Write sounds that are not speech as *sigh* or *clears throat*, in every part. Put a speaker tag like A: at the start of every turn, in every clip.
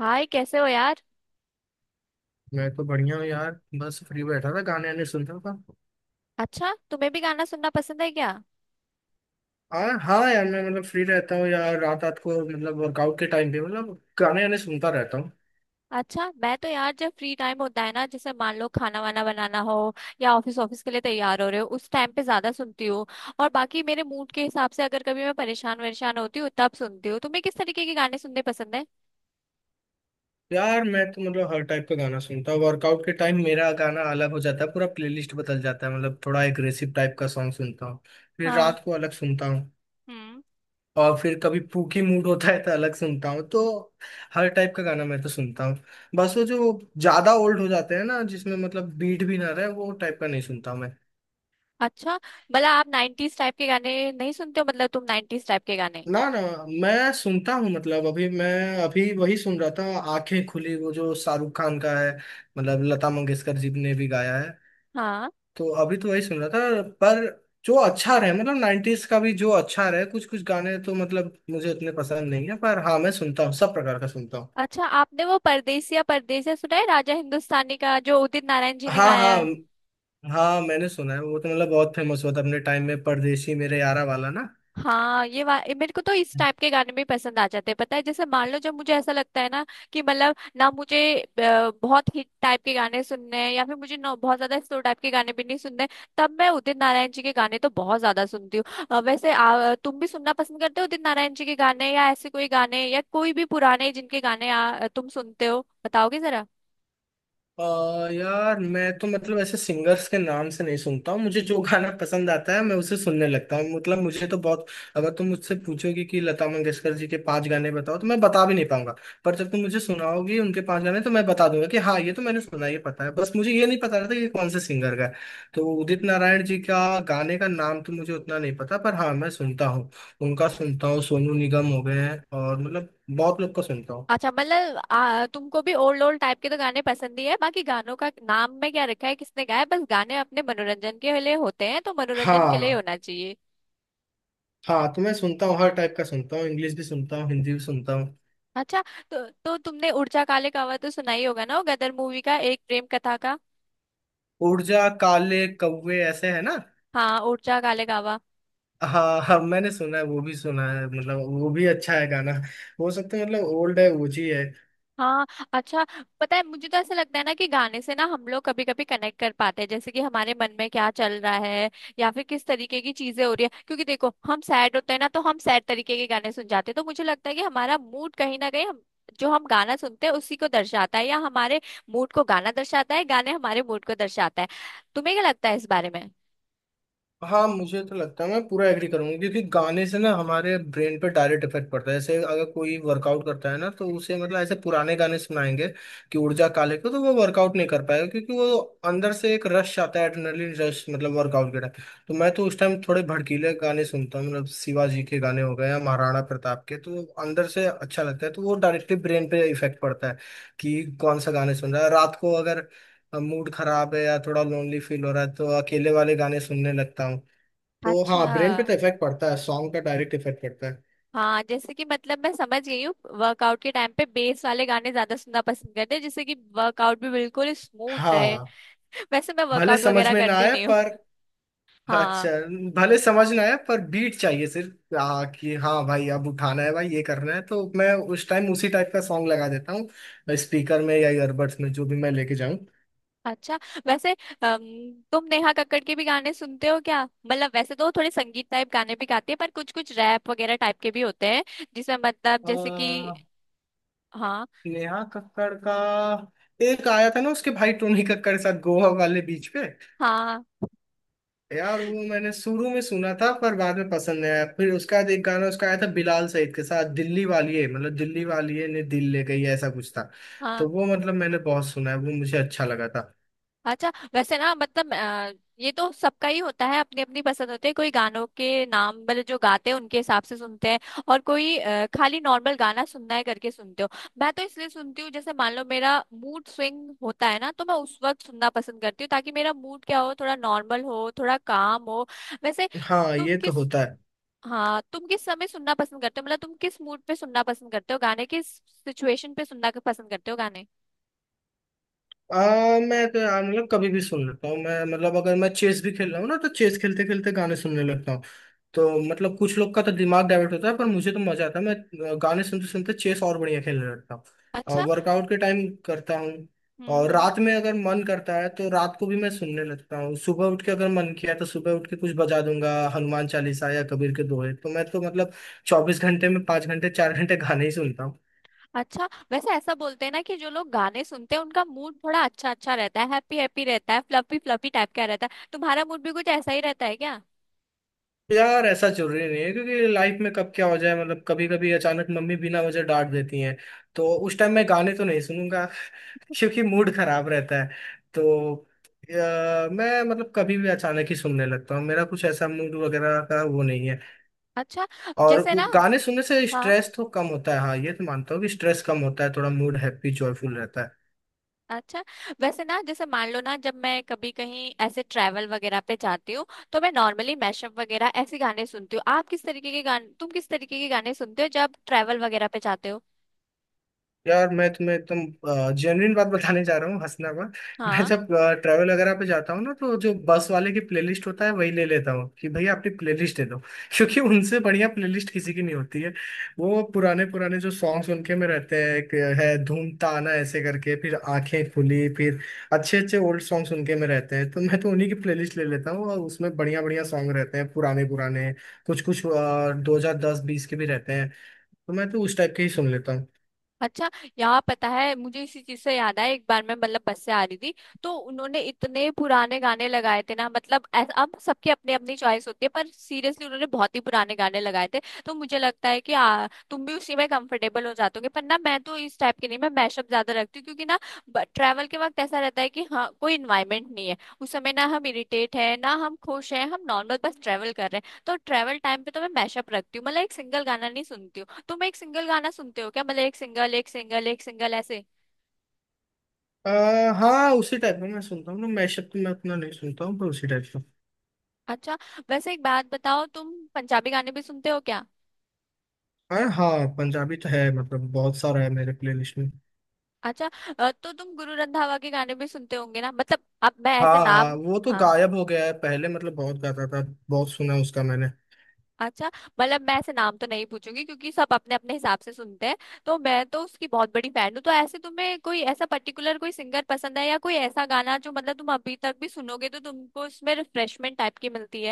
A: हाय, कैसे हो यार।
B: मैं तो बढ़िया हूँ यार। बस फ्री बैठा था गाने वाने सुन रहा था।
A: अच्छा, तुम्हें भी गाना सुनना पसंद है क्या।
B: हाँ यार, मैं मतलब फ्री रहता हूँ यार, रात रात को मतलब वर्कआउट के टाइम पे मतलब गाने वाने सुनता रहता हूँ।
A: अच्छा, मैं तो यार जब फ्री टाइम होता है ना, जैसे मान लो खाना वाना बनाना हो या ऑफिस ऑफिस के लिए तैयार हो रहे हो, उस टाइम पे ज्यादा सुनती हूँ। और बाकी मेरे मूड के हिसाब से अगर कभी मैं परेशान वरेशान होती हूँ तब सुनती हूँ। तुम्हें किस तरीके के गाने सुनने पसंद है।
B: यार मैं तो मतलब हर टाइप का गाना सुनता हूँ। वर्कआउट के टाइम मेरा गाना अलग हो जाता है, पूरा प्लेलिस्ट बदल जाता है, मतलब थोड़ा एग्रेसिव टाइप का सॉन्ग सुनता हूँ। फिर
A: हाँ।
B: रात को अलग सुनता हूँ।
A: हम्म।
B: और फिर कभी पूकी मूड होता है तो अलग सुनता हूँ, तो हर टाइप का गाना मैं तो सुनता हूँ। बस वो जो ज्यादा ओल्ड हो जाते हैं ना, जिसमें मतलब बीट भी ना रहे, वो टाइप का नहीं सुनता मैं।
A: अच्छा, मतलब आप नाइन्टीज टाइप के गाने नहीं सुनते हो, मतलब तुम नाइन्टीज टाइप के गाने।
B: ना ना, मैं सुनता हूँ, मतलब अभी मैं अभी वही सुन रहा था। आंखें खुली, वो जो शाहरुख खान का है, मतलब लता मंगेशकर जी ने भी गाया है।
A: हाँ।
B: तो अभी तो वही सुन रहा था, पर जो अच्छा रहे, मतलब नाइन्टीज का भी जो अच्छा रहे, कुछ कुछ गाने तो मतलब मुझे उतने पसंद नहीं है, पर हाँ मैं सुनता हूँ, सब प्रकार का सुनता हूँ।
A: अच्छा, आपने वो परदेसिया परदेसिया सुना है, राजा हिंदुस्तानी का, जो उदित नारायण जी ने
B: हाँ
A: गाया
B: हाँ।
A: है।
B: हाँ मैंने सुना है, वो तो मतलब बहुत फेमस हुआ था अपने टाइम में, परदेसी मेरे यारा वाला ना।
A: हाँ, ये वा ये मेरे को तो इस टाइप के गाने भी पसंद आ जाते हैं, पता है। जैसे मान लो जब मुझे ऐसा लगता है ना कि मतलब ना मुझे बहुत हिट टाइप के गाने सुनने हैं, या फिर मुझे ना बहुत ज्यादा स्लो टाइप के गाने भी नहीं सुनने, तब मैं उदित नारायण जी के गाने तो बहुत ज्यादा सुनती हूँ। वैसे तुम भी सुनना पसंद करते हो उदित नारायण जी के गाने, या ऐसे कोई गाने, या कोई भी पुराने जिनके गाने तुम सुनते हो, बताओगे जरा।
B: अ, यार मैं तो मतलब ऐसे सिंगर्स के नाम से नहीं सुनता हूँ, मुझे जो गाना पसंद आता है मैं उसे सुनने लगता हूँ, मतलब मुझे तो बहुत। अगर तुम मुझसे पूछोगे कि लता मंगेशकर जी के पांच गाने बताओ तो मैं बता भी नहीं पाऊंगा। पर जब तुम मुझे सुनाओगे उनके पांच गाने तो मैं बता दूंगा कि हाँ ये तो मैंने सुना, ये पता है, बस मुझे ये नहीं पता था कि ये कौन से सिंगर का है। तो उदित नारायण जी का गाने का नाम तो मुझे उतना नहीं पता, पर हाँ मैं सुनता हूँ। उनका सुनता हूँ, सोनू निगम हो गए हैं, और मतलब बहुत लोग का सुनता हूँ।
A: अच्छा, मतलब तुमको भी ओल्ड ओल्ड टाइप के तो गाने पसंद ही है। बाकी गानों का नाम में क्या रखा है, किसने गाया है, बस गाने अपने मनोरंजन के लिए होते हैं तो मनोरंजन के लिए
B: हाँ
A: होना चाहिए।
B: हाँ। तो मैं सुनता हूँ, हर टाइप का सुनता हूँ, इंग्लिश भी सुनता हूँ, हिंदी भी सुनता हूँ।
A: अच्छा। तो तुमने उड़चा काले कावा तो सुना ही होगा ना, वो गदर मूवी का, एक प्रेम कथा का।
B: ऊर्जा काले कौवे ऐसे है ना?
A: हाँ उड़चा काले कावा।
B: हाँ हाँ, मैंने सुना है, वो भी सुना है, मतलब वो भी अच्छा है गाना। हो सकता है मतलब ओल्ड है, ओजी है।
A: हाँ। अच्छा। पता है, मुझे तो ऐसा लगता है ना कि गाने से ना हम लोग कभी कभी कनेक्ट कर पाते हैं, जैसे कि हमारे मन में क्या चल रहा है या फिर किस तरीके की चीजें हो रही है। क्योंकि देखो, हम सैड होते हैं ना, तो हम सैड तरीके के गाने सुन जाते हैं। तो मुझे लगता है कि हमारा मूड कहीं ना कहीं हम जो हम गाना सुनते हैं उसी को दर्शाता है, या हमारे मूड को गाना दर्शाता है, गाने हमारे मूड को दर्शाता है। तुम्हें क्या लगता है इस बारे में।
B: हाँ मुझे तो लगता है मैं पूरा एग्री करूंगा, क्योंकि गाने से ना हमारे ब्रेन पे डायरेक्ट इफेक्ट पड़ता है। जैसे अगर कोई वर्कआउट करता है ना तो उसे मतलब ऐसे पुराने गाने सुनाएंगे कि ऊर्जा काले को, तो वो वर्कआउट नहीं कर पाएगा, क्योंकि वो अंदर से एक रश आता है, एड्रेनलिन रश। मतलब वर्कआउट के टाइम तो मैं तो उस टाइम थोड़े भड़कीले गाने सुनता हूँ, मतलब शिवाजी के गाने हो गए या महाराणा प्रताप के, तो अंदर से अच्छा लगता है, तो वो डायरेक्टली ब्रेन पे इफेक्ट पड़ता है कि कौन सा गाने सुन रहा है। रात को अगर मूड खराब है या थोड़ा लोनली फील हो रहा है तो अकेले वाले गाने सुनने लगता हूँ। तो
A: अच्छा।
B: हाँ, ब्रेन पे तो इफेक्ट पड़ता है, सॉन्ग का डायरेक्ट इफेक्ट पड़ता है।
A: हाँ, जैसे कि मतलब मैं समझ गई हूँ, वर्कआउट के टाइम पे बेस वाले गाने ज्यादा सुनना पसंद करते हैं, जिससे कि वर्कआउट भी बिल्कुल स्मूथ रहे।
B: हाँ,
A: *laughs* वैसे मैं
B: भले
A: वर्कआउट
B: समझ
A: वगैरह
B: में ना
A: करती
B: आए
A: नहीं हूँ।
B: पर।
A: हाँ।
B: अच्छा, भले समझ ना आए पर बीट चाहिए, सिर्फ कि हाँ भाई अब उठाना है भाई ये करना है, तो मैं उस टाइम उसी टाइप का सॉन्ग लगा देता हूँ स्पीकर में या ईयरबड्स में, जो भी मैं लेके जाऊँ।
A: अच्छा, वैसे तुम नेहा कक्कड़ के भी गाने सुनते हो क्या, मतलब वैसे तो वो थोड़े संगीत टाइप गाने भी गाती है पर कुछ कुछ रैप वगैरह टाइप के भी होते हैं, जिसमें मतलब जैसे कि।
B: आ,
A: हाँ,
B: नेहा कक्कड़ का एक आया था ना उसके भाई टोनी कक्कड़ के साथ, गोवा वाले बीच पे।
A: हाँ,
B: यार वो मैंने शुरू में सुना था पर बाद में पसंद नहीं आया, फिर उसका एक गाना उसका आया था बिलाल सईद के साथ, दिल्ली वाली है, मतलब दिल्ली वाली है ने दिल ले गई, ऐसा कुछ था।
A: हाँ।
B: तो वो मतलब मैंने बहुत सुना है, वो मुझे अच्छा लगा था।
A: अच्छा, वैसे ना मतलब ये तो सबका ही होता है, अपनी अपनी पसंद होती है। कोई गानों के नाम मतलब जो गाते हैं उनके हिसाब से सुनते हैं, और कोई खाली नॉर्मल गाना सुनना है करके सुनते हो। मैं तो इसलिए सुनती हूँ जैसे मान लो मेरा मूड स्विंग होता है ना, तो मैं उस वक्त सुनना पसंद करती हूँ, ताकि मेरा मूड क्या हो, थोड़ा नॉर्मल हो, थोड़ा काम हो। वैसे
B: हाँ
A: तुम
B: ये तो
A: किस
B: होता है।
A: हाँ, तुम किस समय सुनना पसंद करते हो, मतलब तुम किस मूड पे सुनना पसंद करते हो गाने, किस सिचुएशन पे सुनना पसंद करते हो गाने।
B: मैं तो यार मतलब कभी भी सुन लेता हूँ मैं, मतलब अगर मैं चेस भी खेल रहा हूँ ना तो चेस खेलते खेलते गाने सुनने लगता हूँ। तो मतलब कुछ लोग का तो दिमाग डाइवर्ट होता है, पर मुझे तो मजा आता है, मैं गाने सुनते सुनते चेस और बढ़िया खेलने लगता हूँ। और
A: अच्छा।
B: वर्कआउट के टाइम करता हूँ।
A: हम्म।
B: और
A: हम्म।
B: रात में अगर मन करता है तो रात को भी मैं सुनने लगता हूँ, सुबह उठ के अगर मन किया तो सुबह उठ के कुछ बजा दूंगा, हनुमान चालीसा या कबीर के दोहे। तो मैं तो मतलब 24 घंटे में 5 घंटे 4 घंटे गाने ही सुनता।
A: अच्छा, वैसे ऐसा बोलते हैं ना कि जो लोग गाने सुनते हैं उनका मूड थोड़ा अच्छा अच्छा रहता है, हैप्पी हैप्पी रहता है, फ्लफी फ्लफी टाइप का रहता है। तुम्हारा मूड भी कुछ ऐसा ही रहता है क्या।
B: यार ऐसा जरूरी नहीं है, क्योंकि लाइफ में कब क्या हो जाए, मतलब कभी कभी अचानक मम्मी बिना वजह डांट देती हैं, तो उस टाइम मैं गाने तो नहीं सुनूंगा *laughs* क्योंकि मूड खराब रहता है। तो मैं मतलब कभी भी अचानक ही सुनने लगता हूँ, मेरा कुछ ऐसा मूड वगैरह का वो नहीं है।
A: अच्छा।
B: और
A: जैसे
B: वो
A: ना।
B: गाने सुनने से
A: हाँ।
B: स्ट्रेस तो कम होता है, हाँ ये तो मानता हूँ कि स्ट्रेस कम होता है, थोड़ा मूड हैप्पी जॉयफुल रहता है।
A: अच्छा, वैसे ना, जैसे मान लो ना, जब मैं कभी कहीं ऐसे ट्रैवल वगैरह पे जाती हूँ तो मैं नॉर्मली मैशअप वगैरह ऐसे गाने सुनती हूँ। आप किस तरीके के गाने, तुम किस तरीके के गाने सुनते हो जब ट्रैवल वगैरह पे जाते हो।
B: यार मैं तुम्हें एकदम जेन्युइन बात बताने जा रहा हूँ, हंसना मत। मैं
A: हाँ।
B: जब ट्रैवल वगैरह पे जाता हूँ ना तो जो बस वाले की प्लेलिस्ट होता है वही ले लेता हूँ कि भैया अपनी प्लेलिस्ट दे दो *laughs* क्योंकि उनसे बढ़िया प्लेलिस्ट किसी की नहीं होती है। वो पुराने पुराने जो सॉन्ग्स उनके में रहते हैं, एक है धूम ताना ऐसे करके, फिर आंखें खुली, फिर अच्छे अच्छे ओल्ड सॉन्ग्स उनके में रहते हैं, तो मैं तो उन्हीं की प्लेलिस्ट ले लेता हूँ, और उसमें बढ़िया बढ़िया सॉन्ग रहते हैं पुराने पुराने। कुछ कुछ 2010-20 के भी रहते हैं, तो मैं तो उस टाइप के ही सुन लेता हूँ।
A: अच्छा, यहाँ पता है, मुझे इसी चीज से याद आया, एक बार मैं मतलब बस से आ रही थी, तो उन्होंने इतने पुराने गाने लगाए थे ना, मतलब अब सबकी अपनी अपनी चॉइस होती है, पर सीरियसली उन्होंने बहुत ही पुराने गाने लगाए थे। तो मुझे लगता है कि तुम भी उसी में कंफर्टेबल हो जाते होगे। पर ना, मैं तो इस टाइप के नहीं, मैं मैशअप ज्यादा रखती हूँ, क्योंकि ना ट्रैवल के वक्त ऐसा रहता है कि हाँ, कोई इन्वायरमेंट नहीं है, उस समय ना हम इरिटेट है ना हम खुश हैं, हम नॉर्मल बस ट्रैवल कर रहे हैं। तो ट्रैवल टाइम पे तो मैं मैशअप रखती हूँ, मतलब एक सिंगल गाना नहीं सुनती हूँ। तुम एक सिंगल गाना सुनते हो क्या, मतलब एक सिंगल एक सिंगल एक सिंगल ऐसे।
B: हाँ उसी टाइप का मैं सुनता हूँ ना, मैशअप तो मैं अपना नहीं सुनता हूँ पर उसी टाइप का।
A: अच्छा। वैसे एक बात बताओ, तुम पंजाबी गाने भी सुनते हो क्या।
B: अरे हाँ, पंजाबी तो है, मतलब बहुत सारा है मेरे प्लेलिस्ट में।
A: अच्छा। तो तुम गुरु रंधावा के गाने भी सुनते होंगे ना, मतलब अब मैं
B: हाँ
A: ऐसे
B: हाँ,
A: नाम।
B: वो तो
A: हाँ।
B: गायब हो गया है, पहले मतलब बहुत गाता था, बहुत सुना उसका मैंने।
A: अच्छा, मतलब मैं ऐसे नाम तो नहीं पूछूंगी क्योंकि सब अपने अपने हिसाब से सुनते हैं। तो मैं तो उसकी बहुत बड़ी फैन हूँ। तो ऐसे तुम्हें कोई ऐसा पर्टिकुलर कोई सिंगर पसंद है, या कोई ऐसा गाना जो मतलब तुम अभी तक भी सुनोगे तो तुमको इसमें रिफ्रेशमेंट टाइप की मिलती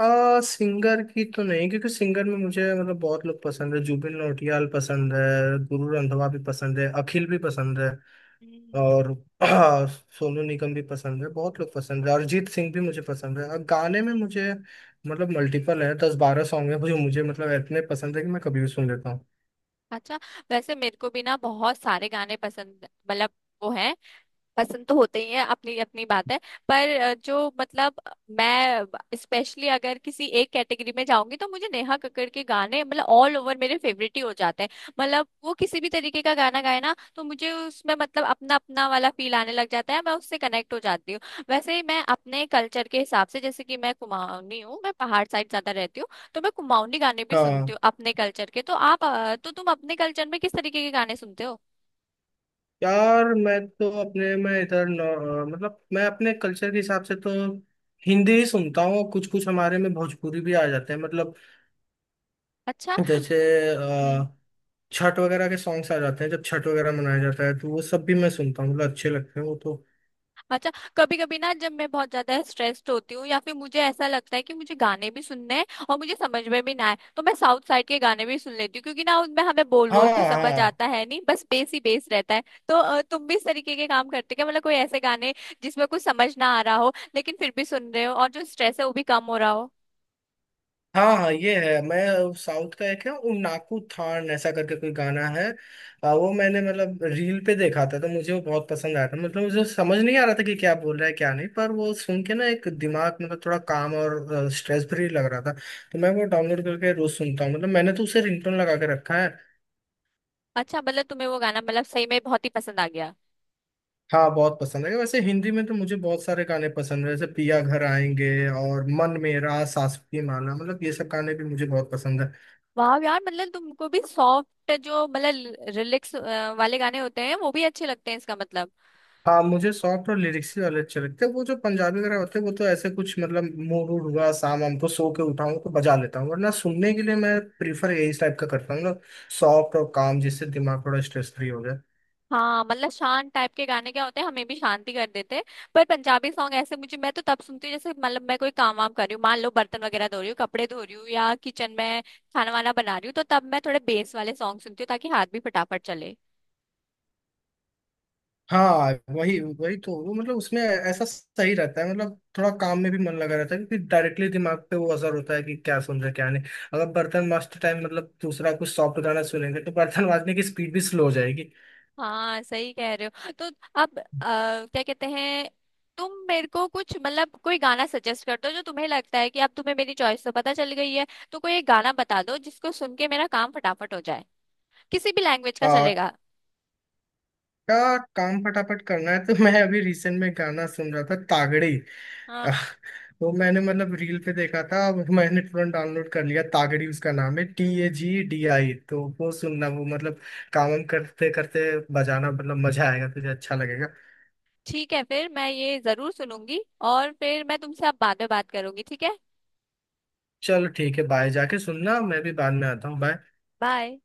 B: सिंगर की तो नहीं, क्योंकि सिंगर में मुझे मतलब बहुत लोग पसंद है, जुबिन नौटियाल पसंद है, गुरु रंधावा भी पसंद है, अखिल भी पसंद है।
A: है।
B: और *clears throat* सोनू निगम भी पसंद है, बहुत लोग पसंद है, अरिजीत सिंह भी मुझे पसंद है। और गाने में मुझे मतलब मल्टीपल है, 10-12 सॉन्ग है, मुझे मुझे मतलब इतने पसंद है कि मैं कभी भी सुन लेता हूँ।
A: अच्छा। वैसे मेरे को भी ना बहुत सारे गाने पसंद, मतलब वो है, पसंद तो होते ही हैं, अपनी अपनी बात है। पर जो मतलब मैं स्पेशली अगर किसी एक कैटेगरी में जाऊंगी तो मुझे नेहा कक्कड़ के गाने मतलब ऑल ओवर मेरे फेवरेट ही हो जाते हैं। मतलब वो किसी भी तरीके का गाना गाए ना, तो मुझे उसमें मतलब अपना अपना वाला फील आने लग जाता है, मैं उससे कनेक्ट हो जाती हूँ। वैसे ही मैं अपने कल्चर के हिसाब से, जैसे कि मैं कुमाऊनी हूँ, मैं पहाड़ साइड ज्यादा रहती हूँ, तो मैं कुमाऊनी गाने भी सुनती
B: हाँ
A: हूँ अपने कल्चर के। तो आप तो तुम अपने कल्चर में किस तरीके के गाने सुनते हो।
B: यार, मैं तो अपने मैं इधर न- मतलब मैं अपने कल्चर के हिसाब से तो हिंदी ही सुनता हूँ, कुछ कुछ हमारे में भोजपुरी भी आ जाते हैं, मतलब
A: अच्छा।
B: जैसे अ, छठ वगैरह के सॉन्ग्स आ जाते हैं जब छठ वगैरह मनाया जाता है, तो वो सब भी मैं सुनता हूँ, मतलब अच्छे लगते हैं वो तो।
A: अच्छा, कभी कभी ना जब मैं बहुत ज्यादा स्ट्रेस्ड होती हूँ या फिर मुझे ऐसा लगता है कि मुझे गाने भी सुनने हैं और मुझे समझ में भी ना आए, तो मैं साउथ साइड के गाने भी सुन लेती हूँ, क्योंकि ना उनमें हमें बोल
B: हाँ
A: बोल कुछ समझ
B: हाँ,
A: आता है नहीं, बस बेस ही बेस रहता है। तो तुम भी इस तरीके के काम करते हो क्या, मतलब कोई ऐसे गाने जिसमें कुछ समझ ना आ रहा हो लेकिन फिर भी सुन रहे हो और जो स्ट्रेस है वो भी कम हो रहा हो।
B: हाँ हाँ, ये है। मैं साउथ का एक है उन्नाकू थान ऐसा करके कोई गाना है। वो मैंने मतलब रील पे देखा था, तो मुझे वो बहुत पसंद आया था, मतलब मुझे समझ नहीं आ रहा था कि क्या बोल रहा है क्या नहीं, पर वो सुन के ना एक दिमाग मतलब थोड़ा काम और स्ट्रेस फ्री लग रहा था। तो मैं वो डाउनलोड करके रोज सुनता हूँ, मतलब मैंने तो उसे रिंगटोन लगा के रखा है।
A: अच्छा, मतलब तुम्हें वो गाना मतलब सही में बहुत ही पसंद आ गया।
B: हाँ बहुत पसंद है, वैसे हिंदी में तो मुझे बहुत सारे गाने पसंद है, जैसे पिया घर आएंगे, और मन मेरा सास की माला, मतलब ये सब गाने भी मुझे बहुत पसंद है।
A: वाह यार, मतलब तुमको भी सॉफ्ट जो मतलब रिलैक्स वाले गाने होते हैं वो भी अच्छे लगते हैं इसका मतलब।
B: हाँ, मुझे सॉफ्ट और लिरिक्स ही वाले अच्छे लगते हैं, वो जो पंजाबी वगैरह होते हैं वो तो ऐसे कुछ मतलब मूड वूड हुआ शाम वाम को सो के उठाऊं तो बजा लेता हूँ, वरना सुनने के लिए मैं प्रीफर यही टाइप का करता हूँ ना, सॉफ्ट और काम, जिससे दिमाग थोड़ा स्ट्रेस फ्री हो जाए।
A: हाँ, मतलब शांत टाइप के गाने क्या होते हैं, हमें भी शांति कर देते हैं। पर पंजाबी सॉन्ग ऐसे मुझे, मैं तो तब सुनती हूँ जैसे मतलब मैं कोई काम वाम कर रही हूँ, मान लो बर्तन वगैरह धो रही हूँ, कपड़े धो रही हूँ या किचन में खाना वाना बना रही हूँ, तो तब मैं थोड़े बेस वाले सॉन्ग सुनती हूँ ताकि हाथ भी फटाफट चले।
B: हाँ वही वही तो, वो मतलब उसमें ऐसा सही रहता है, मतलब थोड़ा काम में भी मन लगा रहता है, क्योंकि डायरेक्टली दिमाग पे वो असर होता है कि क्या सुन रहे क्या नहीं। अगर बर्तन माजते टाइम मतलब दूसरा कुछ सॉफ्ट गाना सुनेंगे तो बर्तन माजने की स्पीड भी स्लो हो जाएगी।
A: हाँ सही कह रहे हो। तो अब क्या कहते हैं, तुम मेरे को कुछ मतलब कोई गाना सजेस्ट कर दो जो तुम्हें लगता है, कि अब तुम्हें मेरी चॉइस तो पता चल गई है, तो कोई एक गाना बता दो जिसको सुन के मेरा काम फटाफट हो जाए। किसी भी लैंग्वेज का चलेगा।
B: का काम फटाफट करना है तो मैं अभी रिसेंट में गाना सुन रहा था, तागड़ी।
A: हाँ,
B: आह, वो मैंने मतलब रील पे देखा था, मैंने तुरंत डाउनलोड कर लिया। तागड़ी उसका नाम है, TAGDI। तो वो सुनना, वो मतलब काम वाम करते करते बजाना, मतलब मजा आएगा तुझे, अच्छा लगेगा।
A: ठीक है, फिर मैं ये जरूर सुनूंगी। और फिर मैं तुमसे अब बाद में बात करूंगी, ठीक है।
B: चलो ठीक है, बाय, जाके सुनना, मैं भी बाद में आता हूँ, बाय।
A: बाय।